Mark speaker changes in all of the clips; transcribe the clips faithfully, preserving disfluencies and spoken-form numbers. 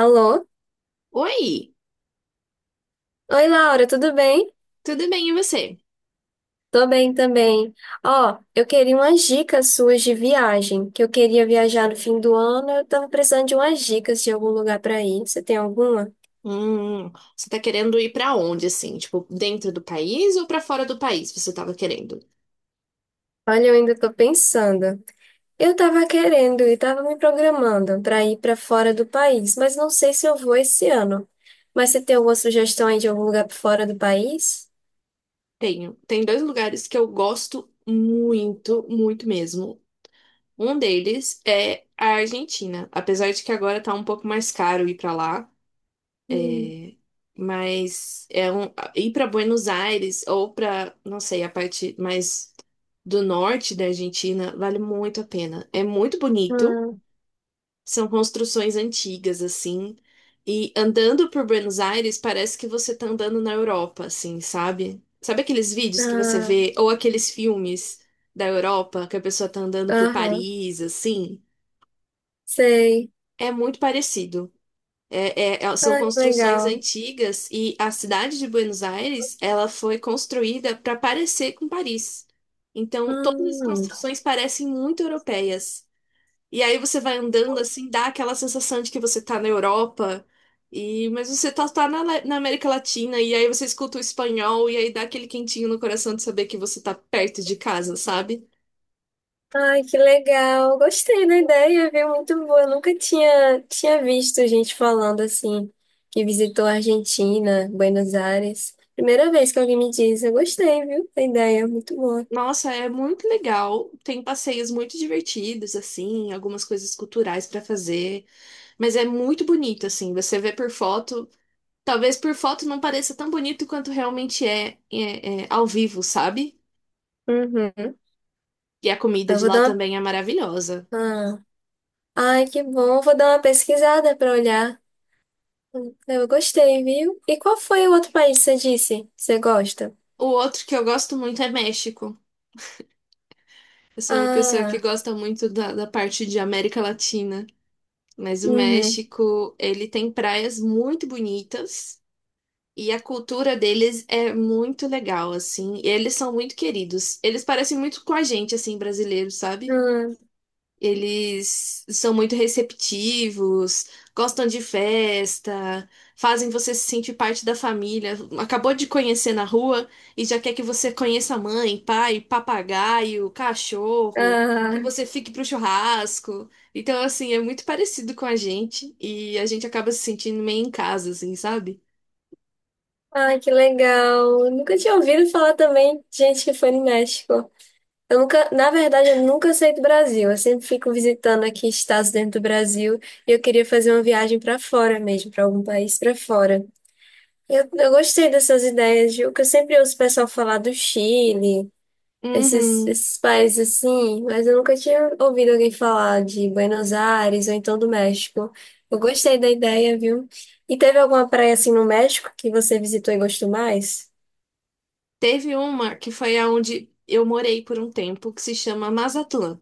Speaker 1: Alô?
Speaker 2: Oi,
Speaker 1: Oi, Laura, tudo bem?
Speaker 2: tudo bem e você?
Speaker 1: Tô bem também. Ó, eu queria umas dicas suas de viagem, que eu queria viajar no fim do ano, eu tava precisando de umas dicas de algum lugar pra ir. Você tem alguma?
Speaker 2: Hum, Você tá querendo ir pra onde assim? Tipo, dentro do país ou pra fora do país você tava querendo?
Speaker 1: Olha, eu ainda tô pensando. Eu tava querendo e tava me programando pra ir pra fora do país, mas não sei se eu vou esse ano. Mas você tem alguma sugestão aí de algum lugar pra fora do país?
Speaker 2: Tenho. Tem dois lugares que eu gosto muito, muito mesmo. Um deles é a Argentina, apesar de que agora tá um pouco mais caro ir pra lá,
Speaker 1: Hum.
Speaker 2: é, mas é um ir pra Buenos Aires ou pra, não sei, a parte mais do norte da Argentina vale muito a pena. É muito bonito.
Speaker 1: Ah,
Speaker 2: São construções antigas, assim. E andando por Buenos Aires, parece que você tá andando na Europa, assim, sabe? Sabe aqueles vídeos que você
Speaker 1: ah,
Speaker 2: vê, ou aqueles filmes da Europa, que a pessoa tá andando por
Speaker 1: aham,
Speaker 2: Paris, assim?
Speaker 1: sei.
Speaker 2: É muito parecido. É- é- é- são
Speaker 1: Ah, que
Speaker 2: construções
Speaker 1: legal.
Speaker 2: antigas e a cidade de Buenos Aires, ela foi construída para parecer com Paris. Então, todas as
Speaker 1: Hum.
Speaker 2: construções parecem muito europeias. E aí você vai andando assim, dá aquela sensação de que você tá na Europa, e mas você tá, tá na, La- na América Latina, e aí você escuta o espanhol, e aí dá aquele quentinho no coração de saber que você tá perto de casa, sabe?
Speaker 1: Ai, que legal. Gostei da ideia, viu? Muito boa. Eu nunca tinha, tinha visto gente falando assim, que visitou a Argentina, Buenos Aires. Primeira vez que alguém me diz, eu gostei, viu? Da ideia, muito boa.
Speaker 2: Nossa, é muito legal. Tem passeios muito divertidos, assim, algumas coisas culturais pra fazer, mas é muito bonito, assim. Você vê por foto, talvez por foto não pareça tão bonito quanto realmente é, é é ao vivo, sabe?
Speaker 1: Uhum.
Speaker 2: E a comida
Speaker 1: Eu
Speaker 2: de
Speaker 1: vou
Speaker 2: lá
Speaker 1: dar
Speaker 2: também é maravilhosa.
Speaker 1: uma. Ah. Ai, que bom. Eu vou dar uma pesquisada para olhar. Eu gostei, viu? E qual foi o outro país que você disse? Que você gosta?
Speaker 2: O outro que eu gosto muito é México. Eu sou uma pessoa que
Speaker 1: Ah,
Speaker 2: gosta muito da, da parte de América Latina, mas o
Speaker 1: uhum.
Speaker 2: México, ele tem praias muito bonitas e a cultura deles é muito legal, assim. E eles são muito queridos. Eles parecem muito com a gente, assim, brasileiro, sabe?
Speaker 1: Ah,
Speaker 2: Eles são muito receptivos, gostam de festa, fazem você se sentir parte da família. Acabou de conhecer na rua e já quer que você conheça a mãe, pai, papagaio, cachorro, que
Speaker 1: ah.
Speaker 2: você fique pro churrasco. Então, assim, é muito parecido com a gente e a gente acaba se sentindo meio em casa, assim, sabe?
Speaker 1: Ai, que legal. Eu nunca tinha ouvido falar também de gente que foi no México. Eu nunca, na verdade, eu nunca saí do Brasil. Eu sempre fico visitando aqui estados dentro do Brasil e eu queria fazer uma viagem para fora mesmo, para algum país para fora. Eu, eu gostei dessas ideias, viu? Que eu sempre ouço o pessoal falar do Chile, esses,
Speaker 2: Uhum.
Speaker 1: esses países assim, mas eu nunca tinha ouvido alguém falar de Buenos Aires ou então do México. Eu gostei da ideia, viu? E teve alguma praia assim no México que você visitou e gostou mais?
Speaker 2: Teve uma que foi aonde eu morei por um tempo, que se chama Mazatlán.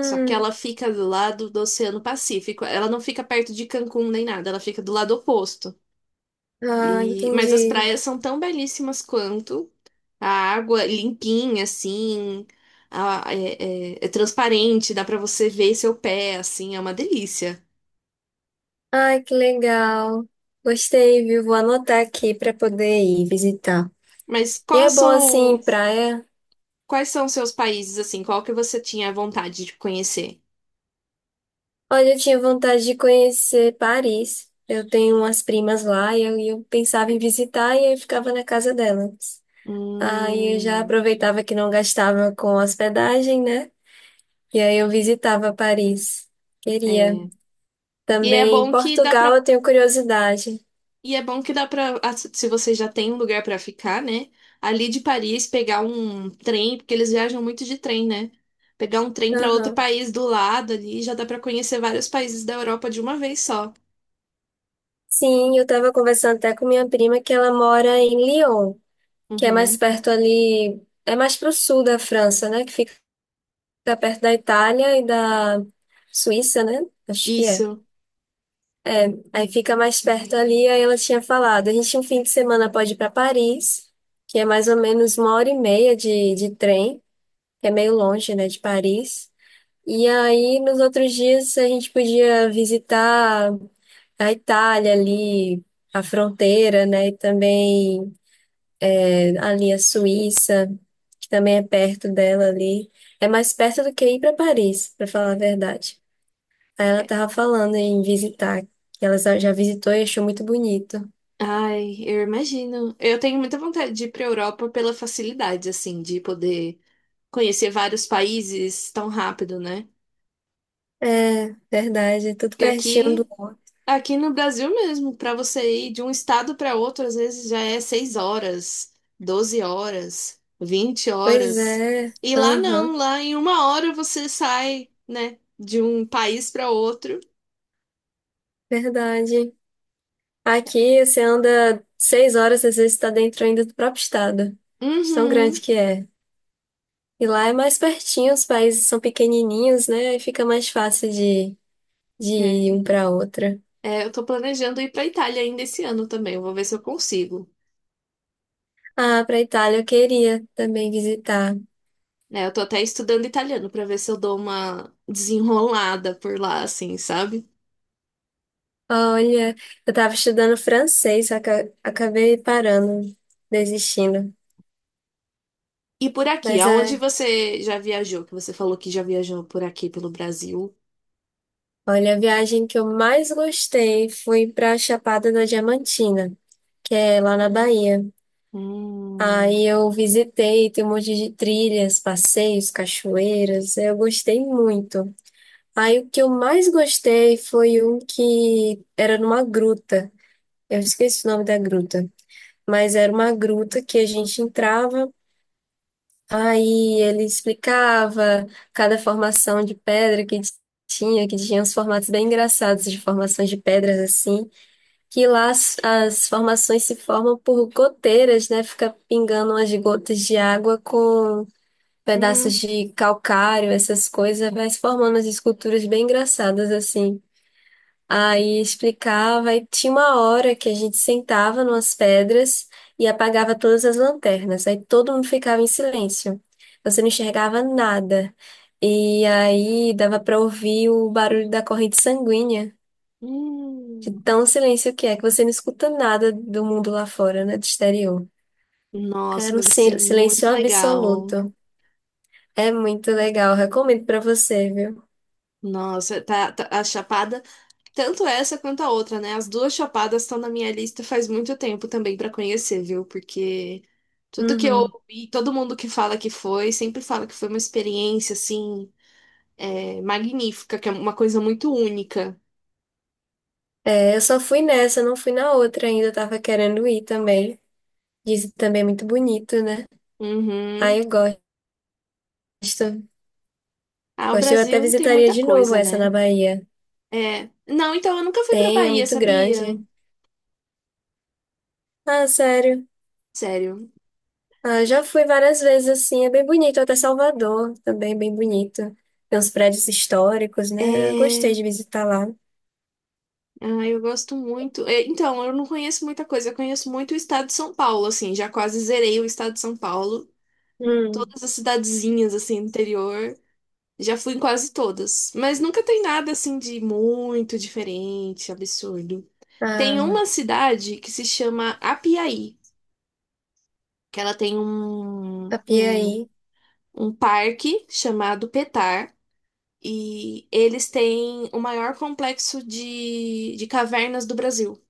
Speaker 2: Só que ela fica do lado do Oceano Pacífico. Ela não fica perto de Cancún nem nada, ela fica do lado oposto.
Speaker 1: ah,
Speaker 2: E mas as
Speaker 1: entendi.
Speaker 2: praias são tão belíssimas quanto. A água limpinha, assim, a- é, é- é transparente, dá pra você ver seu pé, assim, é uma delícia.
Speaker 1: Ai, que legal. Gostei, viu? Vou anotar aqui para poder ir visitar.
Speaker 2: Mas
Speaker 1: E
Speaker 2: qual
Speaker 1: é bom assim,
Speaker 2: sou...
Speaker 1: praia.
Speaker 2: Quais são os seus países, assim? Qual que você tinha vontade de conhecer?
Speaker 1: Olha, eu tinha vontade de conhecer Paris. Eu tenho umas primas lá e eu, e eu pensava em visitar e eu ficava na casa delas. Aí eu já
Speaker 2: Hum,
Speaker 1: aproveitava que não gastava com hospedagem, né? E aí eu visitava Paris. Queria.
Speaker 2: é. E é
Speaker 1: Também em
Speaker 2: bom que dá
Speaker 1: Portugal
Speaker 2: pra
Speaker 1: eu tenho curiosidade.
Speaker 2: E é bom que dá pra, ah, se se você já tem um lugar pra ficar, né? Ali de Paris, pegar um trem, porque eles viajam muito de trem, né? Pegar um trem pra outro
Speaker 1: Aham.
Speaker 2: país do lado ali, já dá pra conhecer vários países da Europa de uma vez só.
Speaker 1: Sim, eu estava conversando até com minha prima que ela mora em Lyon, que é mais
Speaker 2: Uhum.
Speaker 1: perto ali, é mais para o sul da França, né? Que fica perto da Itália e da Suíça, né? Acho que é.
Speaker 2: Isso.
Speaker 1: Aí fica mais perto ali, aí ela tinha falado, a gente um fim de semana pode ir para Paris, que é mais ou menos uma hora e meia de, de trem, que é meio longe, né, de Paris. E aí, nos outros dias, a gente podia visitar a Itália ali, a fronteira, né? E também ali a Suíça, que também é perto dela ali. É mais perto do que ir para Paris, para falar a verdade. Aí ela tava falando em visitar, que ela já já visitou e achou muito bonito.
Speaker 2: Ai, eu imagino. Eu tenho muita vontade de ir pra Europa pela facilidade, assim, de poder conhecer vários países tão rápido, né?
Speaker 1: É, verdade, tudo
Speaker 2: Porque
Speaker 1: pertinho do
Speaker 2: aqui
Speaker 1: outro.
Speaker 2: Aqui no Brasil mesmo, para você ir de um estado para outro, às vezes já é seis horas, doze horas, vinte
Speaker 1: Pois
Speaker 2: horas.
Speaker 1: é,
Speaker 2: E lá não,
Speaker 1: aham,
Speaker 2: lá em uma hora você sai, né, de um país para outro.
Speaker 1: verdade. Aqui você anda seis horas, às vezes está dentro ainda do próprio estado. De tão grande
Speaker 2: Uhum.
Speaker 1: que é. E lá é mais pertinho, os países são pequenininhos, né? E fica mais fácil de, de ir um
Speaker 2: É.
Speaker 1: para outro.
Speaker 2: É, eu tô planejando ir para Itália ainda esse ano também, eu vou ver se eu consigo.
Speaker 1: Ah, pra Itália eu queria também visitar.
Speaker 2: É, eu tô até estudando italiano para ver se eu dou uma desenrolada por lá, assim, sabe?
Speaker 1: Olha, eu tava estudando francês, só que eu acabei parando, desistindo.
Speaker 2: E por aqui,
Speaker 1: Mas
Speaker 2: aonde
Speaker 1: é,
Speaker 2: você já viajou? Que você falou que já viajou por aqui pelo Brasil.
Speaker 1: olha, a viagem que eu mais gostei foi pra Chapada da Diamantina, que é lá na Bahia.
Speaker 2: Hum,
Speaker 1: Aí eu visitei, tem um monte de trilhas, passeios, cachoeiras, eu gostei muito. Aí o que eu mais gostei foi um que era numa gruta. Eu esqueci o nome da gruta. Mas era uma gruta que a gente entrava, aí ele explicava cada formação de pedra que tinha, que tinha uns formatos bem engraçados de formações de pedras assim, que lá as, as formações se formam por goteiras, né? Fica pingando umas gotas de água com pedaços
Speaker 2: hum,
Speaker 1: de calcário, essas coisas, vai se formando as esculturas bem engraçadas assim. Aí explicava, e tinha uma hora que a gente sentava numas pedras e apagava todas as lanternas. Aí todo mundo ficava em silêncio. Você não enxergava nada. E aí dava para ouvir o barulho da corrente sanguínea, de
Speaker 2: hum.
Speaker 1: tão silêncio que é, que você não escuta nada do mundo lá fora, né, do exterior.
Speaker 2: Nossa,
Speaker 1: Era um
Speaker 2: deve ser
Speaker 1: sil- silêncio
Speaker 2: muito legal.
Speaker 1: absoluto. É muito legal, recomendo para você, viu?
Speaker 2: Nossa, tá, tá- a Chapada, tanto essa quanto a outra, né? As duas Chapadas estão na minha lista faz muito tempo também pra conhecer, viu? Porque tudo que eu
Speaker 1: Uhum.
Speaker 2: ouvi, todo mundo que fala que foi, sempre fala que foi uma experiência, assim, é, magnífica, que é uma coisa muito única.
Speaker 1: É, eu só fui nessa, não fui na outra ainda, eu tava querendo ir também. Dizem que também é muito bonito, né? Ah,
Speaker 2: Uhum.
Speaker 1: eu gosto.
Speaker 2: Ah, o
Speaker 1: Gosto, eu até
Speaker 2: Brasil tem
Speaker 1: visitaria
Speaker 2: muita
Speaker 1: de novo
Speaker 2: coisa,
Speaker 1: essa na
Speaker 2: né?
Speaker 1: Bahia.
Speaker 2: É. Não, então eu nunca fui pra
Speaker 1: Tem, é
Speaker 2: Bahia,
Speaker 1: muito
Speaker 2: sabia?
Speaker 1: grande. Ah, sério.
Speaker 2: Sério.
Speaker 1: Ah, já fui várias vezes assim, é bem bonito. Até Salvador também, é bem bonito. Tem uns prédios históricos, né? Eu gostei
Speaker 2: É.
Speaker 1: de visitar lá.
Speaker 2: Ah, eu gosto muito. É, então, eu não conheço muita coisa. Eu conheço muito o estado de São Paulo, assim. Já quase zerei o estado de São Paulo.
Speaker 1: Hum,
Speaker 2: Todas as cidadezinhas, assim, do interior. Já fui em quase todas. Mas nunca tem nada, assim, de muito diferente, absurdo. Tem
Speaker 1: ah,
Speaker 2: uma cidade que se chama Apiaí, que ela tem
Speaker 1: a
Speaker 2: um, um,
Speaker 1: Piaí.
Speaker 2: um parque chamado Petar. E eles têm o maior complexo de, de cavernas do Brasil.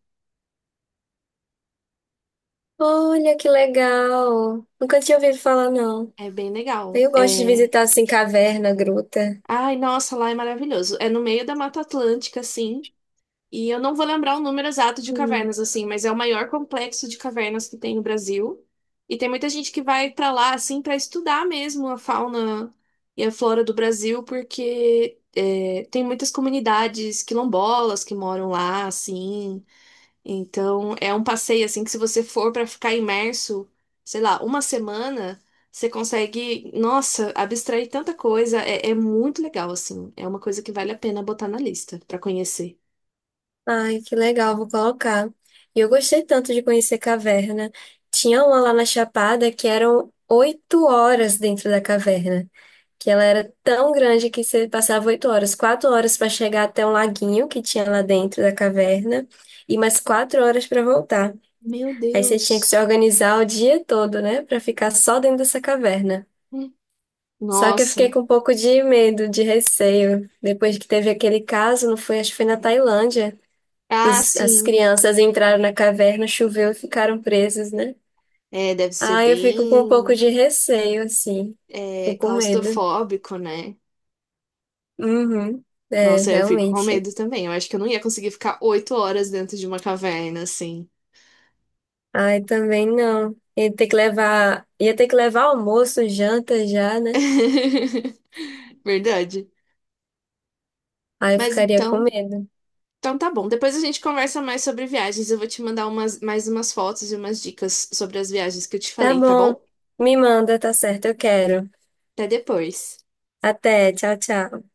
Speaker 1: Olha que legal! Nunca tinha ouvido falar, não.
Speaker 2: É bem legal.
Speaker 1: Eu gosto de
Speaker 2: É
Speaker 1: visitar assim caverna, gruta.
Speaker 2: Ai, nossa, lá é maravilhoso. É no meio da Mata Atlântica, assim. E eu não vou lembrar o número exato de
Speaker 1: Hum.
Speaker 2: cavernas, assim, mas é o maior complexo de cavernas que tem no Brasil. E tem muita gente que vai pra lá, assim, pra estudar mesmo a fauna e a flora do Brasil, porque é, tem muitas comunidades quilombolas que moram lá, assim. Então, é um passeio assim que se você for para ficar imerso, sei lá, uma semana, você consegue, nossa, abstrair tanta coisa. É, é muito legal, assim. É uma coisa que vale a pena botar na lista para conhecer.
Speaker 1: Ai, que legal, vou colocar. E eu gostei tanto de conhecer caverna. Tinha uma lá na Chapada que eram oito horas dentro da caverna, que ela era tão grande que você passava oito horas, quatro horas para chegar até um laguinho que tinha lá dentro da caverna e mais quatro horas para voltar.
Speaker 2: Meu
Speaker 1: Aí você tinha que se
Speaker 2: Deus.
Speaker 1: organizar o dia todo, né, para ficar só dentro dessa caverna.
Speaker 2: Hum.
Speaker 1: Só que eu fiquei
Speaker 2: Nossa.
Speaker 1: com um pouco de medo, de receio, depois que teve aquele caso, não foi, acho que foi na Tailândia. E
Speaker 2: Ah,
Speaker 1: os- as
Speaker 2: sim.
Speaker 1: crianças entraram na caverna, choveu e ficaram presas, né?
Speaker 2: É, deve ser
Speaker 1: Ah, eu fico com um pouco
Speaker 2: bem,
Speaker 1: de receio, assim. Tô
Speaker 2: é,
Speaker 1: com medo.
Speaker 2: claustrofóbico, né?
Speaker 1: Uhum. É,
Speaker 2: Nossa, eu fico com
Speaker 1: realmente.
Speaker 2: medo também. Eu acho que eu não ia conseguir ficar oito horas dentro de uma caverna, assim.
Speaker 1: Ai, também não. Ia ter que levar, ia ter que levar almoço, janta já, né?
Speaker 2: Verdade.
Speaker 1: Aí eu
Speaker 2: Mas
Speaker 1: ficaria com
Speaker 2: então,
Speaker 1: medo.
Speaker 2: então tá bom. Depois a gente conversa mais sobre viagens. Eu vou te mandar umas, mais umas fotos e umas dicas sobre as viagens que eu te
Speaker 1: Tá
Speaker 2: falei, tá
Speaker 1: bom.
Speaker 2: bom?
Speaker 1: Me manda, tá certo, eu quero.
Speaker 2: Até depois.
Speaker 1: Até, tchau, tchau.